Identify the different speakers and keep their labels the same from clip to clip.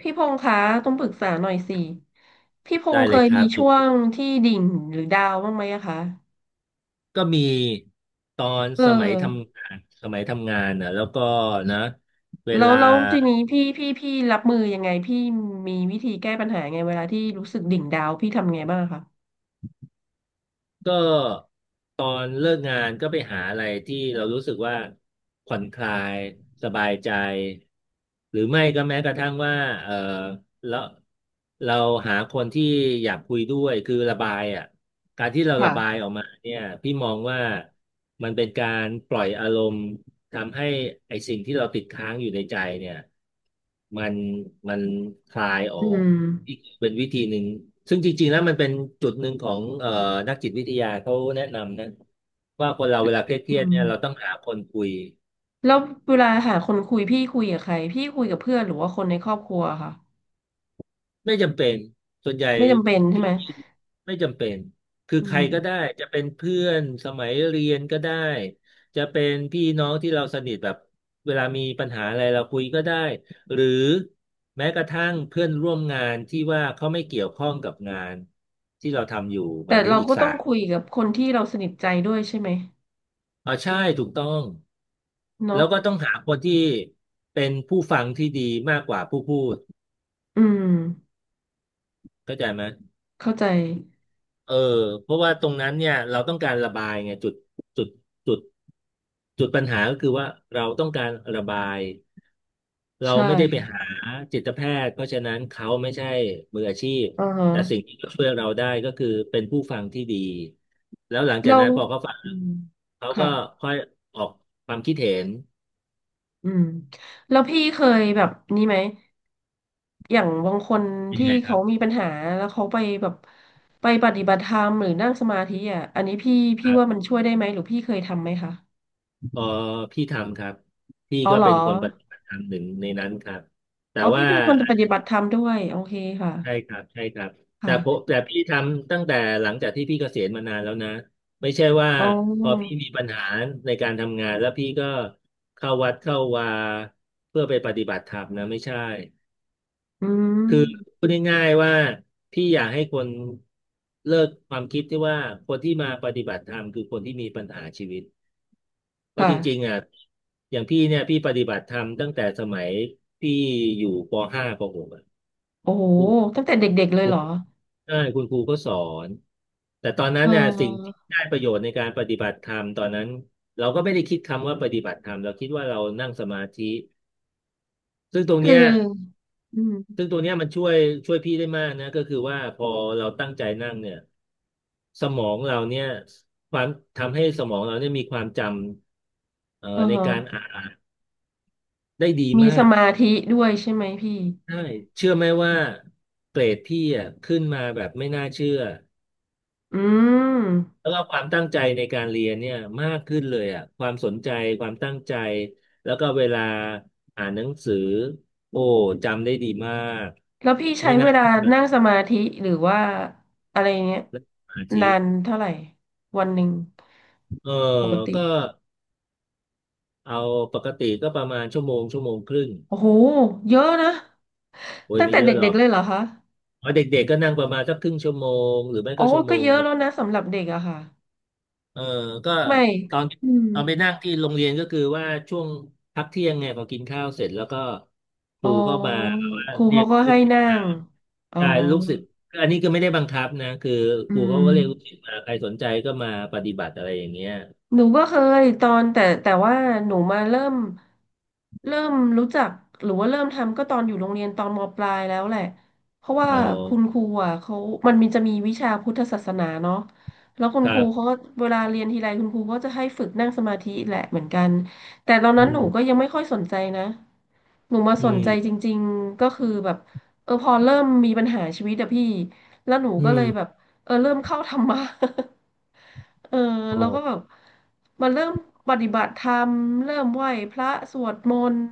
Speaker 1: พี่พงษ์คะต้องปรึกษาหน่อยสิพี่พง
Speaker 2: ได้
Speaker 1: ษ์เค
Speaker 2: เลย
Speaker 1: ย
Speaker 2: ครั
Speaker 1: มี
Speaker 2: บยิ
Speaker 1: ช่
Speaker 2: น
Speaker 1: ว
Speaker 2: ดี
Speaker 1: งที่ดิ่งหรือดาวน์บ้างไหมอะคะ
Speaker 2: ก็มีตอน
Speaker 1: เออ
Speaker 2: สมัยทำงานนะแล้วก็นะเว
Speaker 1: แล้ว
Speaker 2: ลา
Speaker 1: ทีนี้พี่รับมือยังไงพี่มีวิธีแก้ปัญหาไงเวลาที่รู้สึกดิ่งดาวน์พี่ทำไงบ้างคะ
Speaker 2: ก็ตอนเลิกงานก็ไปหาอะไรที่เรารู้สึกว่าผ่อนคลายสบายใจหรือไม่ก็แม้กระทั่งว่าเออแล้วเราหาคนที่อยากคุยด้วยคือระบายอ่ะ การที่เราระบาย
Speaker 1: ค่ะ
Speaker 2: ออกมาเนี่ยพี่มองว่ามันเป็นการปล่อยอารมณ์ทำให้ไอ้สิ่งที่เราติดค้างอยู่ในใจเนี่ยมันมันคลายออ
Speaker 1: อื
Speaker 2: ก
Speaker 1: ม
Speaker 2: อีกเป็นวิธีหนึ่งซึ่งจริงๆแล้วมันเป็นจุดหนึ่งของนักจิตวิทยาเขาแนะนำนะว่าคนเราเวลาเค
Speaker 1: อื
Speaker 2: รียดๆ
Speaker 1: ม
Speaker 2: เนี่ยเราต้องหาคนคุย
Speaker 1: แล้วเวลาหาคนคุยพี่คุยกับใครพี่คุยกับเพื่อนหรือว่าคนในครอบครัวค่ะ
Speaker 2: ไม่จำเป็น ส่วนใหญ่
Speaker 1: ไม่จำเป็นใช่
Speaker 2: พี่
Speaker 1: ไหม
Speaker 2: ไม่จำเป็น คือ
Speaker 1: อื
Speaker 2: ใคร
Speaker 1: ม
Speaker 2: ก็ได้ จะเป็นเพื่อนสมัยเรียนก็ได้ จะเป็นพี่น้องที่เราสนิทแบบ เวลามีปัญหาอะไรเราคุยก็ได้หรือแม้กระทั่งเพื่อนร่วมงานที่ว่าเขาไม่เกี่ยวข้องกับงานที่เราทำอยู่ห
Speaker 1: แต่
Speaker 2: มายถึง
Speaker 1: เรา
Speaker 2: อีก
Speaker 1: ก็
Speaker 2: ศา
Speaker 1: ต้อง
Speaker 2: สตร์
Speaker 1: คุยกับคนที่เราสนิทใจด้วยใช่ไหม
Speaker 2: อ๋อใช่ถูกต้อง
Speaker 1: เนาะ
Speaker 2: แล้วก็ต้องหาคนที่เป็นผู้ฟังที่ดีมากกว่าผู้พูด
Speaker 1: อืม
Speaker 2: เข้าใจไหม
Speaker 1: เข้าใจ
Speaker 2: เออเพราะว่าตรงนั้นเนี่ยเราต้องการระบายไงจุดจุดจุดปัญหาก็คือว่าเราต้องการระบายเรา
Speaker 1: ใช่
Speaker 2: ไม่ได้ไปหาจิตแพทย์เพราะฉะนั้นเขาไม่ใช่มืออาชีพ
Speaker 1: อือฮะ
Speaker 2: แต่สิ่งที่เขาช่วยเราได้ก็คือเป็นผู้ฟังที่ดีแล้วหลังจาก
Speaker 1: เรา
Speaker 2: นั้นพอเขาฟัง
Speaker 1: อืม
Speaker 2: เขาก็
Speaker 1: ค่ะ
Speaker 2: ค่อยออกความคิดเห็น
Speaker 1: อืมแล้วพี่เคยแบบนี้ไหมอย่างบางคน
Speaker 2: เป็น
Speaker 1: ที่
Speaker 2: ไงครั
Speaker 1: เขา
Speaker 2: บ
Speaker 1: มีปัญหาแล้วเขาไปแบบไปปฏิบัติธรรมหรือนั่งสมาธิอ่ะอันนี้พี่
Speaker 2: ค
Speaker 1: พี่
Speaker 2: รั
Speaker 1: ว่า
Speaker 2: บ
Speaker 1: มันช่วยได้ไหมหรือพี่เคยทำไหมคะ
Speaker 2: พอพี่ทำครับพี่
Speaker 1: อ๋อ
Speaker 2: ก็
Speaker 1: เหรอ
Speaker 2: เป็นคนปฏิบัติธรรมหนึ่งในนั้นครับแต่
Speaker 1: อ๋อพี่
Speaker 2: ว่า
Speaker 1: เป็นคนปฏิบัติธรรมด้วยโอเคค่ะ
Speaker 2: ใช่ครับใช่ครับแต่
Speaker 1: ค่ะ
Speaker 2: ผมแต่พี่ทำตั้งแต่หลังจากที่พี่เกษียณมานานแล้วนะไม่ใช่ว่า
Speaker 1: อ๋
Speaker 2: พอพี่
Speaker 1: อ
Speaker 2: มีปัญหาในการทำงานแล้วพี่ก็เข้าวัดเข้าวาเพื่อไปปฏิบัติธรรมนะไม่ใช่
Speaker 1: อืม
Speaker 2: คือพูดง่ายๆว่าพี่อยากให้คนเลิกความคิดที่ว่าคนที่มาปฏิบัติธรรมคือคนที่มีปัญหาชีวิตเพราะ
Speaker 1: ค่ะ
Speaker 2: จริงๆอ่ะอย่างพี่เนี่ยพี่ปฏิบัติธรรมตั้งแต่สมัยพี่อยู่ปห้าปหกอ่ะ
Speaker 1: โอ้โหตั้งแต่เด็กๆเลยเหรอ
Speaker 2: ใช่คุณครูก็สอนแต่ตอนนั้
Speaker 1: เ
Speaker 2: นเนี่ยสิ่งที่
Speaker 1: ออ
Speaker 2: ได้ประโยชน์ในการปฏิบัติธรรมตอนนั้นเราก็ไม่ได้คิดคำว่าปฏิบัติธรรมเราคิดว่าเรานั่งสมาธิซึ่งตรง
Speaker 1: คือ
Speaker 2: เนี้ย
Speaker 1: อืม
Speaker 2: ซึ่งตรงเนี้ยมันช่วยพี่ได้มากนะก็คือว่าพอเราตั้งใจนั่งเนี่ยสมองเราเนี่ยความทำให้สมองเราเนี่ยมีความจำ
Speaker 1: อ๋อ
Speaker 2: ใน
Speaker 1: ฮะ
Speaker 2: การอ่านได้ดี
Speaker 1: มี
Speaker 2: มา
Speaker 1: ส
Speaker 2: ก
Speaker 1: มาธิด้วยใช่ไหมพี่
Speaker 2: ใช่เชื่อไหมว่าเกรดพี่อ่ะขึ้นมาแบบไม่น่าเชื่อ
Speaker 1: อืม
Speaker 2: แล้วก็ความตั้งใจในการเรียนเนี่ยมากขึ้นเลยอ่ะความสนใจความตั้งใจแล้วก็เวลาอ่านหนังสือโอ้จำได้ดีมาก
Speaker 1: แล้วพี่ใช้
Speaker 2: ไม่
Speaker 1: เว
Speaker 2: น่า
Speaker 1: ลา
Speaker 2: เชื่อ
Speaker 1: นั่งสมาธิหรือว่าอะไรเงี้ย
Speaker 2: เลยสมาธิ
Speaker 1: นานเท่าไหร่วันหนึ่ง
Speaker 2: เออ
Speaker 1: ปกติ
Speaker 2: ก็เอาปกติก็ประมาณชั่วโมงชั่วโมงครึ่ง
Speaker 1: โอ้โหเยอะนะ
Speaker 2: โอ้ย
Speaker 1: ตั้ง
Speaker 2: ไม่
Speaker 1: แต่
Speaker 2: เยอะหร
Speaker 1: เด็
Speaker 2: อ
Speaker 1: ก
Speaker 2: ก
Speaker 1: ๆเลยเหรอคะ
Speaker 2: อ๋อเด็กๆก็นั่งประมาณสักครึ่งชั่วโมงหรือไม่
Speaker 1: อ๋อ
Speaker 2: ก็ชั่วโม
Speaker 1: ก็
Speaker 2: ง
Speaker 1: เยอะ
Speaker 2: หนึ่
Speaker 1: แล้
Speaker 2: ง
Speaker 1: วนะสำหรับเด็กอะค่ะ
Speaker 2: เออก็
Speaker 1: ไม่
Speaker 2: ตอน
Speaker 1: อืม
Speaker 2: ตอนไปนั่งที่โรงเรียนก็คือว่าช่วงพักเที่ยงไงพอกินข้าวเสร็จแล้วก็ค
Speaker 1: อ๋
Speaker 2: รู
Speaker 1: อ
Speaker 2: ก็มาว่า
Speaker 1: ครู
Speaker 2: เรีย
Speaker 1: เขา
Speaker 2: ก
Speaker 1: ก็
Speaker 2: ลู
Speaker 1: ให้
Speaker 2: กศิษย์
Speaker 1: นั่งอ๋อ
Speaker 2: ใช่ลูกศิษย์อันนี้ก็ไม่ได้บังคับนะคือ
Speaker 1: อื
Speaker 2: ครูเขา
Speaker 1: ม
Speaker 2: ก็เรียกลูกศิษย์มาใครสนใจก็มาปฏิบัติอะไรอย่างเงี้ย
Speaker 1: หนูก็เคยตอนแต่ว่าหนูมาเริ่มเริ่มรู้จักหรือว่าเริ่มทำก็ตอนอยู่โรงเรียนตอนมปลายแล้วแหละเพราะว่า
Speaker 2: อ๋อ
Speaker 1: คุณครูอ่ะเขามันมีจะมีวิชาพุทธศาสนาเนาะแล้วคุณ
Speaker 2: ครั
Speaker 1: ครูเขา
Speaker 2: บ
Speaker 1: ก็เวลาเรียนทีไรคุณครูก็จะให้ฝึกนั่งสมาธิแหละเหมือนกันแต่ตอน
Speaker 2: อื
Speaker 1: นั้นหนู
Speaker 2: ม
Speaker 1: ก็ยังไม่ค่อยสนใจนะหนูมา
Speaker 2: อื
Speaker 1: สนใจจ
Speaker 2: ม
Speaker 1: ริงๆก็คือแบบเออพอเริ่มมีปัญหาชีวิตอะพี่แล้วหนู
Speaker 2: อื
Speaker 1: ก็เล
Speaker 2: ม
Speaker 1: ยแบบ เออเริ่มเข้าธรรมะ เออ
Speaker 2: โอ
Speaker 1: แล้วก็แบบ
Speaker 2: ้
Speaker 1: มาเริ่มปฏิบัติธรรมเริ่มไหว้พระสวดมนต์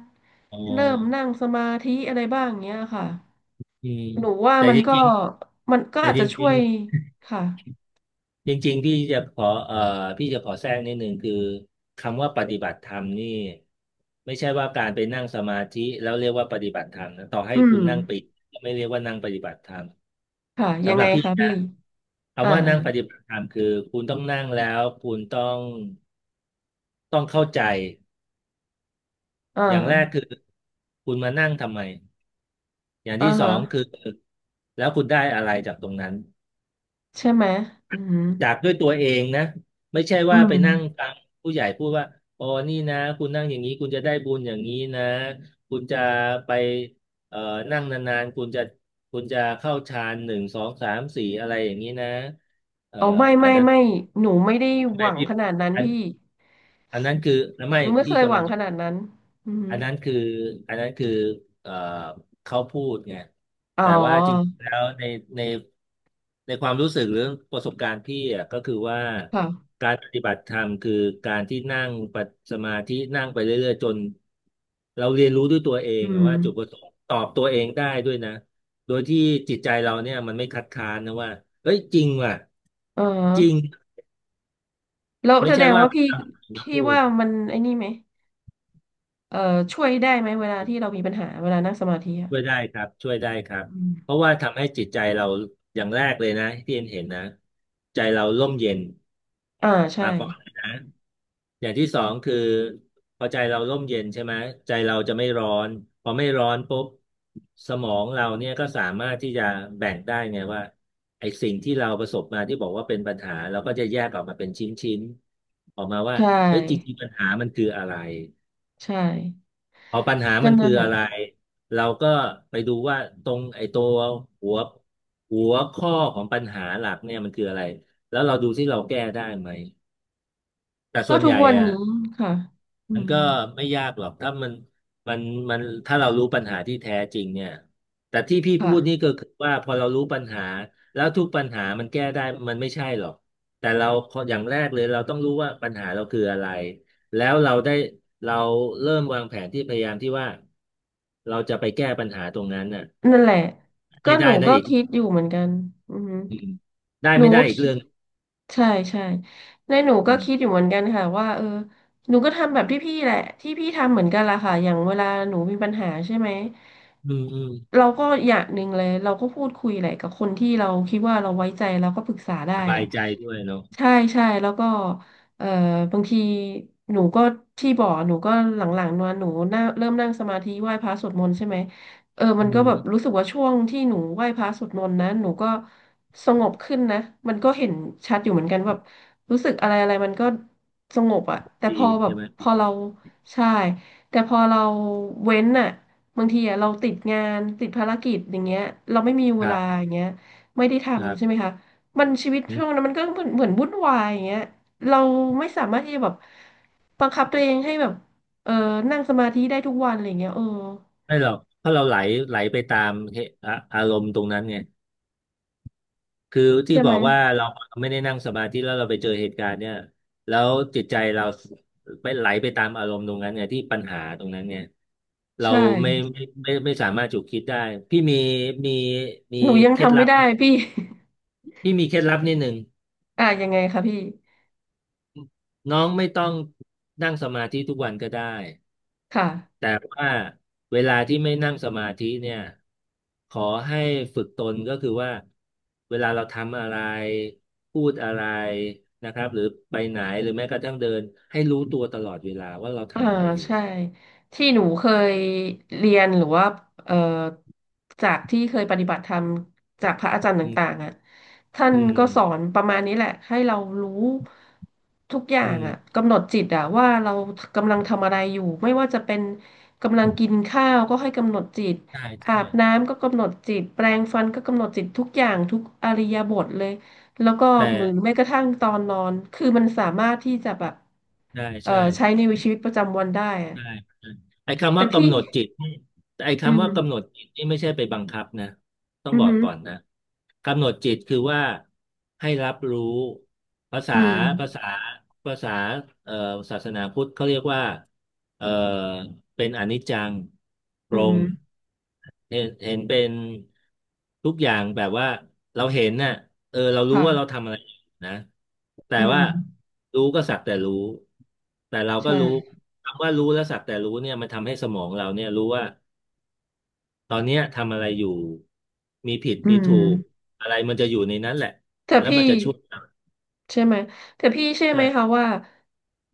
Speaker 2: อ๋
Speaker 1: เริ่มนั่
Speaker 2: อ
Speaker 1: งสมาธิอะไรบ้างเงี้ยค่ะ
Speaker 2: อืม
Speaker 1: หนูว่า
Speaker 2: แต่
Speaker 1: มัน
Speaker 2: จ
Speaker 1: ก็
Speaker 2: ริง
Speaker 1: มันก็
Speaker 2: ๆแต่
Speaker 1: อาจ
Speaker 2: จ
Speaker 1: จะช่
Speaker 2: ริ
Speaker 1: ว
Speaker 2: ง
Speaker 1: ย
Speaker 2: ๆ
Speaker 1: ค่ะ
Speaker 2: จริงๆพี่จะขอพี่จะขอแทรกนิดนึงคือคำว่าปฏิบัติธรรมนี่ไม่ใช่ว่าการไปนั่งสมาธิแล้วเรียกว่าปฏิบัติธรรมนะต่อให้
Speaker 1: อื
Speaker 2: คุ
Speaker 1: ม
Speaker 2: ณนั่งปิดก็ไม่เรียกว่านั่งปฏิบัติธรรม
Speaker 1: ค่ะยั
Speaker 2: สำ
Speaker 1: ง
Speaker 2: ห
Speaker 1: ไง
Speaker 2: รับพี่
Speaker 1: คะ
Speaker 2: นะ
Speaker 1: พี่อ่า
Speaker 2: คำว่านั่งปฏิบัติธรรมคือคุณต้องนั่งแล้วคุณต้องเข้าใจ
Speaker 1: อ่
Speaker 2: อย่างแรกคื
Speaker 1: า
Speaker 2: อคุณมานั่งทำไมอย่าง
Speaker 1: อ่า
Speaker 2: ที่สอ
Speaker 1: ฮะ
Speaker 2: งคือแล้วคุณได้อะไรจากตรงนั้น
Speaker 1: ใช่ไหมอืม
Speaker 2: จากด้วยตัวเองนะไม่ใช่
Speaker 1: อื
Speaker 2: ว่าไปนั่ง
Speaker 1: ม
Speaker 2: ฟังผู้ใหญ่พูดว่าอ๋อนี่นะคุณนั่งอย่างนี้คุณจะได้บุญอย่างนี้นะคุณจะไปเอ่อนั่งนานๆคุณจะเข้าฌานหนึ่งสองสามสี่อะไรอย่างนี้นะเอ่อ
Speaker 1: เอา
Speaker 2: อันนั้น
Speaker 1: ไม่หนูไม่ได้ห
Speaker 2: ไม่
Speaker 1: วัง
Speaker 2: พี่
Speaker 1: ขนาดนั้นพี่
Speaker 2: อันนั้นคือไม่
Speaker 1: หนูไม่เค
Speaker 2: พี่
Speaker 1: ยห
Speaker 2: กำ
Speaker 1: วั
Speaker 2: ลัง
Speaker 1: ง
Speaker 2: จะ
Speaker 1: ขนาดนั้นอืม
Speaker 2: อันนั้นคืออันนั้นคือเอ่อเขาพูดไง
Speaker 1: อ๋
Speaker 2: แต่ว่าจริง
Speaker 1: อ
Speaker 2: ๆแล้วในในความรู้สึกหรือประสบการณ์พี่อ่ะก็คือว่า
Speaker 1: ค่ะ
Speaker 2: การปฏิบัติธรรมคือการที่นั่งปัดสมาธินั่งไปเรื่อยๆจนเราเรียนรู้ด้วยตัวเอ
Speaker 1: อื
Speaker 2: งอะ
Speaker 1: ม
Speaker 2: ว่าจุดประสงค์ตอบตัวเองได้ด้วยนะโดยที่จิตใจเราเนี่ยมันไม่คัดค้านนะว่าเอ้ยจริงว่ะ
Speaker 1: เอ
Speaker 2: จริง
Speaker 1: อแล้ว
Speaker 2: ไม่
Speaker 1: แสด
Speaker 2: ใช่
Speaker 1: ง
Speaker 2: ว่า
Speaker 1: ว่าพี่
Speaker 2: มา
Speaker 1: พี่
Speaker 2: พูด
Speaker 1: ว่ามันไอ้นี่ไหมเออช่วยได้ไหมเวลาที่เรามีปัญหาเวลานั่งสมาธิอ่ะ
Speaker 2: ช่วยได้ครับช่วยได้ครับ
Speaker 1: อืม
Speaker 2: เพราะว่าทำให้จิตใจเราอย่างแรกเลยนะที่เอ็นเห็นนะใจเราร่มเย็น
Speaker 1: อ่าใช่
Speaker 2: มาก่อนเลยนะอย่างที่สองคือพอใจเราร่มเย็นใช่ไหมใจเราจะไม่ร้อนพอไม่ร้อนปุ๊บสมองเราเนี่ยก็สามารถที่จะแบ่งได้ไงว่าไอ้สิ่งที่เราประสบมาที่บอกว่าเป็นปัญหาเราก็จะแยกออกมาเป็นชิ้นๆออกมาว่า
Speaker 1: ใช่
Speaker 2: เอ้ยจริงๆปัญหามันคืออะไร
Speaker 1: ใช่
Speaker 2: เอาปัญหา
Speaker 1: ก็
Speaker 2: มันคื
Speaker 1: นั่
Speaker 2: อ
Speaker 1: นแห
Speaker 2: อะ
Speaker 1: ละ
Speaker 2: ไร เราก็ไปดูว่าตรงไอ้ตัวหัวหัวข้อของปัญหาหลักเนี่ยมันคืออะไร แล้วเราดูที่เราแก้ได้ไหม แต่
Speaker 1: ก็
Speaker 2: ส่วน
Speaker 1: ทุ
Speaker 2: ให
Speaker 1: ก
Speaker 2: ญ่
Speaker 1: วัน
Speaker 2: อะ
Speaker 1: นี้ค่ะอื
Speaker 2: มัน
Speaker 1: ม
Speaker 2: ก็ไม่ยากหรอกถ้ามันมันถ้าเรารู้ปัญหาที่แท้จริงเนี่ยแต่ที่พี่พู
Speaker 1: ค่ะ
Speaker 2: ดนี่ก็คือว่าพอเรารู้ปัญหาแล้วทุกปัญหามันแก้ได้มันไม่ใช่หรอกแต่เราขออย่างแรกเลยเราต้องรู้ว่าปัญหาเราคืออะไรแล้วเราได้เราเริ่มวางแผนที่พยายามที่ว่าเราจะไปแก้ปัญหาตรงนั้นน่ะ
Speaker 1: นั่นแหละก็
Speaker 2: ไม่
Speaker 1: หนู
Speaker 2: ได้นะ
Speaker 1: ก็
Speaker 2: อีก
Speaker 1: คิดอยู่เหมือนกันอือหอ
Speaker 2: อืมได้
Speaker 1: หนู
Speaker 2: ไม่ได้
Speaker 1: ก็
Speaker 2: อีกเรื่อง
Speaker 1: ใช่ใช่ในหนูก็
Speaker 2: อืม
Speaker 1: คิดอยู่เหมือนกันค่ะว่าเออหนูก็ทำแบบที่พี่แหละที่พี่ทำเหมือนกันละค่ะอย่างเวลาหนูมีปัญหาใช่ไหม
Speaker 2: อืมอืม
Speaker 1: เราก็อย่างหนึ่งเลยเราก็พูดคุยแหละกับคนที่เราคิดว่าเราไว้ใจเราก็ปรึกษาได้
Speaker 2: ส
Speaker 1: แห
Speaker 2: บา
Speaker 1: ละ
Speaker 2: ยใจด้วยเนาะ
Speaker 1: ใช่ใช่แล้วก็เอ่อบางทีหนูก็ที่บ่อกหนูก็หลังๆนอนหนูน่าเริ่มนั่งสมาธิไหว้พระสวดมนต์ใช่ไหมเออมั
Speaker 2: อื
Speaker 1: นก็แบบรู้
Speaker 2: ม
Speaker 1: สึกว่าช่วงที่หนูไหว้พระสวดมนต์นั้นหนูก็ สงบขึ้นนะมันก็เห็นชัดอยู่เหมือนกันแบบรู้สึกอะไรอะไรมันก็สงบอะแต่
Speaker 2: ดี
Speaker 1: พอแบ
Speaker 2: ใช่
Speaker 1: บ
Speaker 2: ไหม
Speaker 1: พอ
Speaker 2: ดี
Speaker 1: เราใช่แต่พอเราเว้นอะบางทีอะเราติดงานติดภารกิจอย่างเงี้ยเราไม่มีเว
Speaker 2: ครั
Speaker 1: ลา
Speaker 2: บ
Speaker 1: อย่างเงี้ยไม่ได้
Speaker 2: ครั
Speaker 1: ทำใช่ไหม
Speaker 2: บ
Speaker 1: คะมันชีวิตช่วงนั้นมันก็เหมือนเหมือนวุ่นวายอย่างเงี้ยเราไม่สามารถที่จะแบบบังคับตัวเองให้แบบเออนั่งสมาธิได้ทุกวันอะไรอย่างเงี้ยเออ
Speaker 2: ไม่หรอกเพราะเราไหลไหลไปตามเหตุอะอารมณ์ตรงนั้นไงคือที่
Speaker 1: ใช่
Speaker 2: บ
Speaker 1: ไห
Speaker 2: อ
Speaker 1: ม
Speaker 2: กว่าเราไม่ได้นั่งสมาธิแล้วเราไปเจอเหตุการณ์เนี่ยแล้วจิตใจเราไปไหลไปตามอารมณ์ตรงนั้นไงที่ปัญหาตรงนั้นไง
Speaker 1: ใช
Speaker 2: เราไม่
Speaker 1: ่
Speaker 2: ไม่ไม่ไม่ไม่สามารถจุดคิดได้พี่มีมี
Speaker 1: หนูยัง
Speaker 2: เคล็ด
Speaker 1: ทำ
Speaker 2: ลั
Speaker 1: ไม่
Speaker 2: บ
Speaker 1: ได้พี่
Speaker 2: พี่มีเคล็ดลับนิดหนึ่ง
Speaker 1: อ่ะยังไงคะพี่
Speaker 2: น้องไม่ต้องนั่งสมาธิทุกวันก็ได้
Speaker 1: ค่ะ
Speaker 2: แต่ว่าเวลาที่ไม่นั่งสมาธิเนี่ยขอให้ฝึกตนก็คือว่าเวลาเราทำอะไรพูดอะไรนะครับหรือไปไหนหรือแม้กระทั่งเดินให้รู้ตัวตลอดเวลาว่าเรา
Speaker 1: อ่า
Speaker 2: ทำอะไรอยู่
Speaker 1: ใช่ ที่หนูเคยเรียน หรือว่าเอ่อจากที่เคยปฏิบัติธรรมจากพระอาจารย์
Speaker 2: อื
Speaker 1: ต่า
Speaker 2: ม
Speaker 1: งๆอ่ะท่าน
Speaker 2: อืม
Speaker 1: ก็สอนประมาณนี้แหละ ให้เรารู้ทุกอย่า
Speaker 2: อื
Speaker 1: ง
Speaker 2: ม
Speaker 1: อ่ะกำหนดจิตอ่ะว่าเรากำลังทำอะไรอยู่ ไม่ว่าจะเป็นกำลังกินข้าวก็ให้กำหนดจิต
Speaker 2: ใช่
Speaker 1: อา
Speaker 2: ใช่
Speaker 1: บน้ำก็กำหนดจิตแปรงฟันก็กำหนดจิตทุกอย่างทุกอิริยาบถเลยแล้วก็
Speaker 2: แต่
Speaker 1: หรือแม้กระทั่งตอนนอนคือมันสามารถที่จะแบบ
Speaker 2: ใช่ใช่
Speaker 1: ใช้ในชีวิตประจำวันได้อะ
Speaker 2: ใช่ใช่ไอ้คำ
Speaker 1: แต่
Speaker 2: ว่า
Speaker 1: พี่
Speaker 2: กำหนดจิตนี่ไอ้
Speaker 1: อื
Speaker 2: คำว่ากำ
Speaker 1: ม
Speaker 2: หนดจิตนี่ไม่ใช่ไปบังคับนะต้อง
Speaker 1: อื
Speaker 2: บอ
Speaker 1: อ
Speaker 2: ก
Speaker 1: อ
Speaker 2: ก่อนนะกำหนดจิตคือว่าให้รับรู้ภาษา
Speaker 1: อื
Speaker 2: ภา
Speaker 1: ม
Speaker 2: ษาภาษาเอ่อศาสนาพุทธเขาเรียกว่าเอ่อเป็นอนิจจังป
Speaker 1: อื
Speaker 2: รง
Speaker 1: ม
Speaker 2: เห็นเป็นทุกอย่างแบบว่าเราเห็นน่ะเออเรารู้ว่าเรา
Speaker 1: ค่ะ
Speaker 2: ทำอะไร นะแต่
Speaker 1: อืม
Speaker 2: ว่ารู้ก็สักแต่รู้แต่เราก็รู้
Speaker 1: ใช่
Speaker 2: คำว่ารู้และสักแต่รู้เนี่ยมันทำให้สมองเราเนี่ยรู้ว่าตอนเนี้ยทำอะไรอยู่มีผิด
Speaker 1: อื
Speaker 2: มี
Speaker 1: ม
Speaker 2: ถูกอะไรมันจะอยู่ในนั้นแหละ
Speaker 1: แต่
Speaker 2: แล้ว
Speaker 1: พี่
Speaker 2: มันจะช่วยเรา
Speaker 1: ใช่ไหมแต่พี่เชื่อไหม
Speaker 2: ใช่
Speaker 1: คะว่า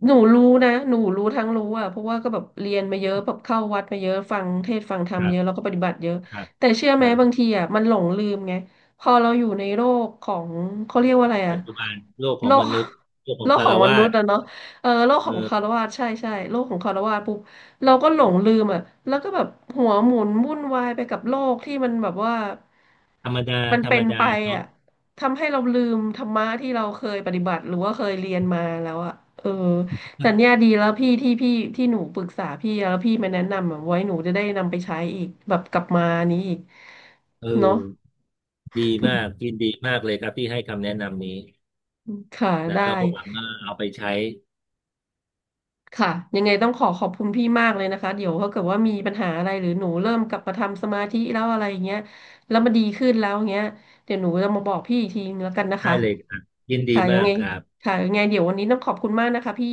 Speaker 1: หนูรู้นะหนูรู้ทั้งรู้อ่ะเพราะว่าก็แบบเรียนมาเยอะแบบเข้าวัดมาเยอะฟังเทศน์ฟังธร
Speaker 2: ค
Speaker 1: รม
Speaker 2: รั
Speaker 1: เย
Speaker 2: บ
Speaker 1: อะแล้วก็ปฏิบัติเยอะ
Speaker 2: ครับ
Speaker 1: แต่เชื่อ
Speaker 2: ค
Speaker 1: ไหม
Speaker 2: รั
Speaker 1: บาง
Speaker 2: บ
Speaker 1: ทีอ่ะมันหลงลืมไงพอเราอยู่ในโลกของเขาเรียกว่าอะไรอ่ะ
Speaker 2: ปัจจุบันโลกขอ
Speaker 1: โล
Speaker 2: งม
Speaker 1: ก
Speaker 2: นุษย์โลก ข
Speaker 1: โล
Speaker 2: อง
Speaker 1: ก
Speaker 2: คา
Speaker 1: ขอ
Speaker 2: ห
Speaker 1: งม
Speaker 2: า
Speaker 1: นุ
Speaker 2: ส
Speaker 1: ษย์
Speaker 2: ถ์
Speaker 1: อะเนาะเออโลกของคาร
Speaker 2: เออ
Speaker 1: วาสใช่ใช่โลกของคารวาสปุ๊บเราก็หลงลืมอ่ะแล้วก็แบบหัวหมุนวุ่นวายไปกับโลกที่มันแบบว่า
Speaker 2: ธรรมดา
Speaker 1: มัน
Speaker 2: ธร
Speaker 1: เป็
Speaker 2: รม
Speaker 1: น
Speaker 2: ดา
Speaker 1: ไป
Speaker 2: เนาะ
Speaker 1: อ่ะ ทำให้เราลืมธรรมะที่เราเคยปฏิบัติหรือว่าเคยเรียนมาแล้วอะเออแต่เนี่ยดีแล้วพี่ที่พี่ที่หนูปรึกษาพี่อะแล้วพี่มาแนะนำอะไว้หนูจะได้นำไปใช้อีกแบบกลับมานี้อีก
Speaker 2: เอ
Speaker 1: เนาะ
Speaker 2: อดีมากยินดีมากเลยครับที่ให้คำแนะนำนี้
Speaker 1: ค่ะ
Speaker 2: นะ
Speaker 1: ได้
Speaker 2: แล้วก็หวังว่าเอาไปใช้
Speaker 1: ค่ะยังไงต้องขอขอบคุณพี่มากเลยนะคะเดี๋ยวถ้าเกิดว่ามีปัญหาอะไรหรือหนูเริ่มกลับมาทำสมาธิแล้วอะไรอย่างเงี้ยแล้วมันดีขึ้นแล้วอย่างเงี้ยเดี๋ยวหนูจะมาบอกพี่อีกทีนึงแล้วกันนะ
Speaker 2: ได้
Speaker 1: คะ
Speaker 2: เลยครับยินดี
Speaker 1: ค่ะยั
Speaker 2: มา
Speaker 1: ง
Speaker 2: ก
Speaker 1: ไง
Speaker 2: ครับ
Speaker 1: ค่ะยังไงเดี๋ยววันนี้ต้องขอบคุณมากนะคะพี่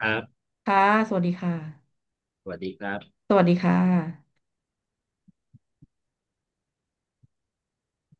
Speaker 2: ครับ
Speaker 1: ค่ะสวัสดีค่ะ
Speaker 2: สวัสดีครับ
Speaker 1: สวัสดีค่ะ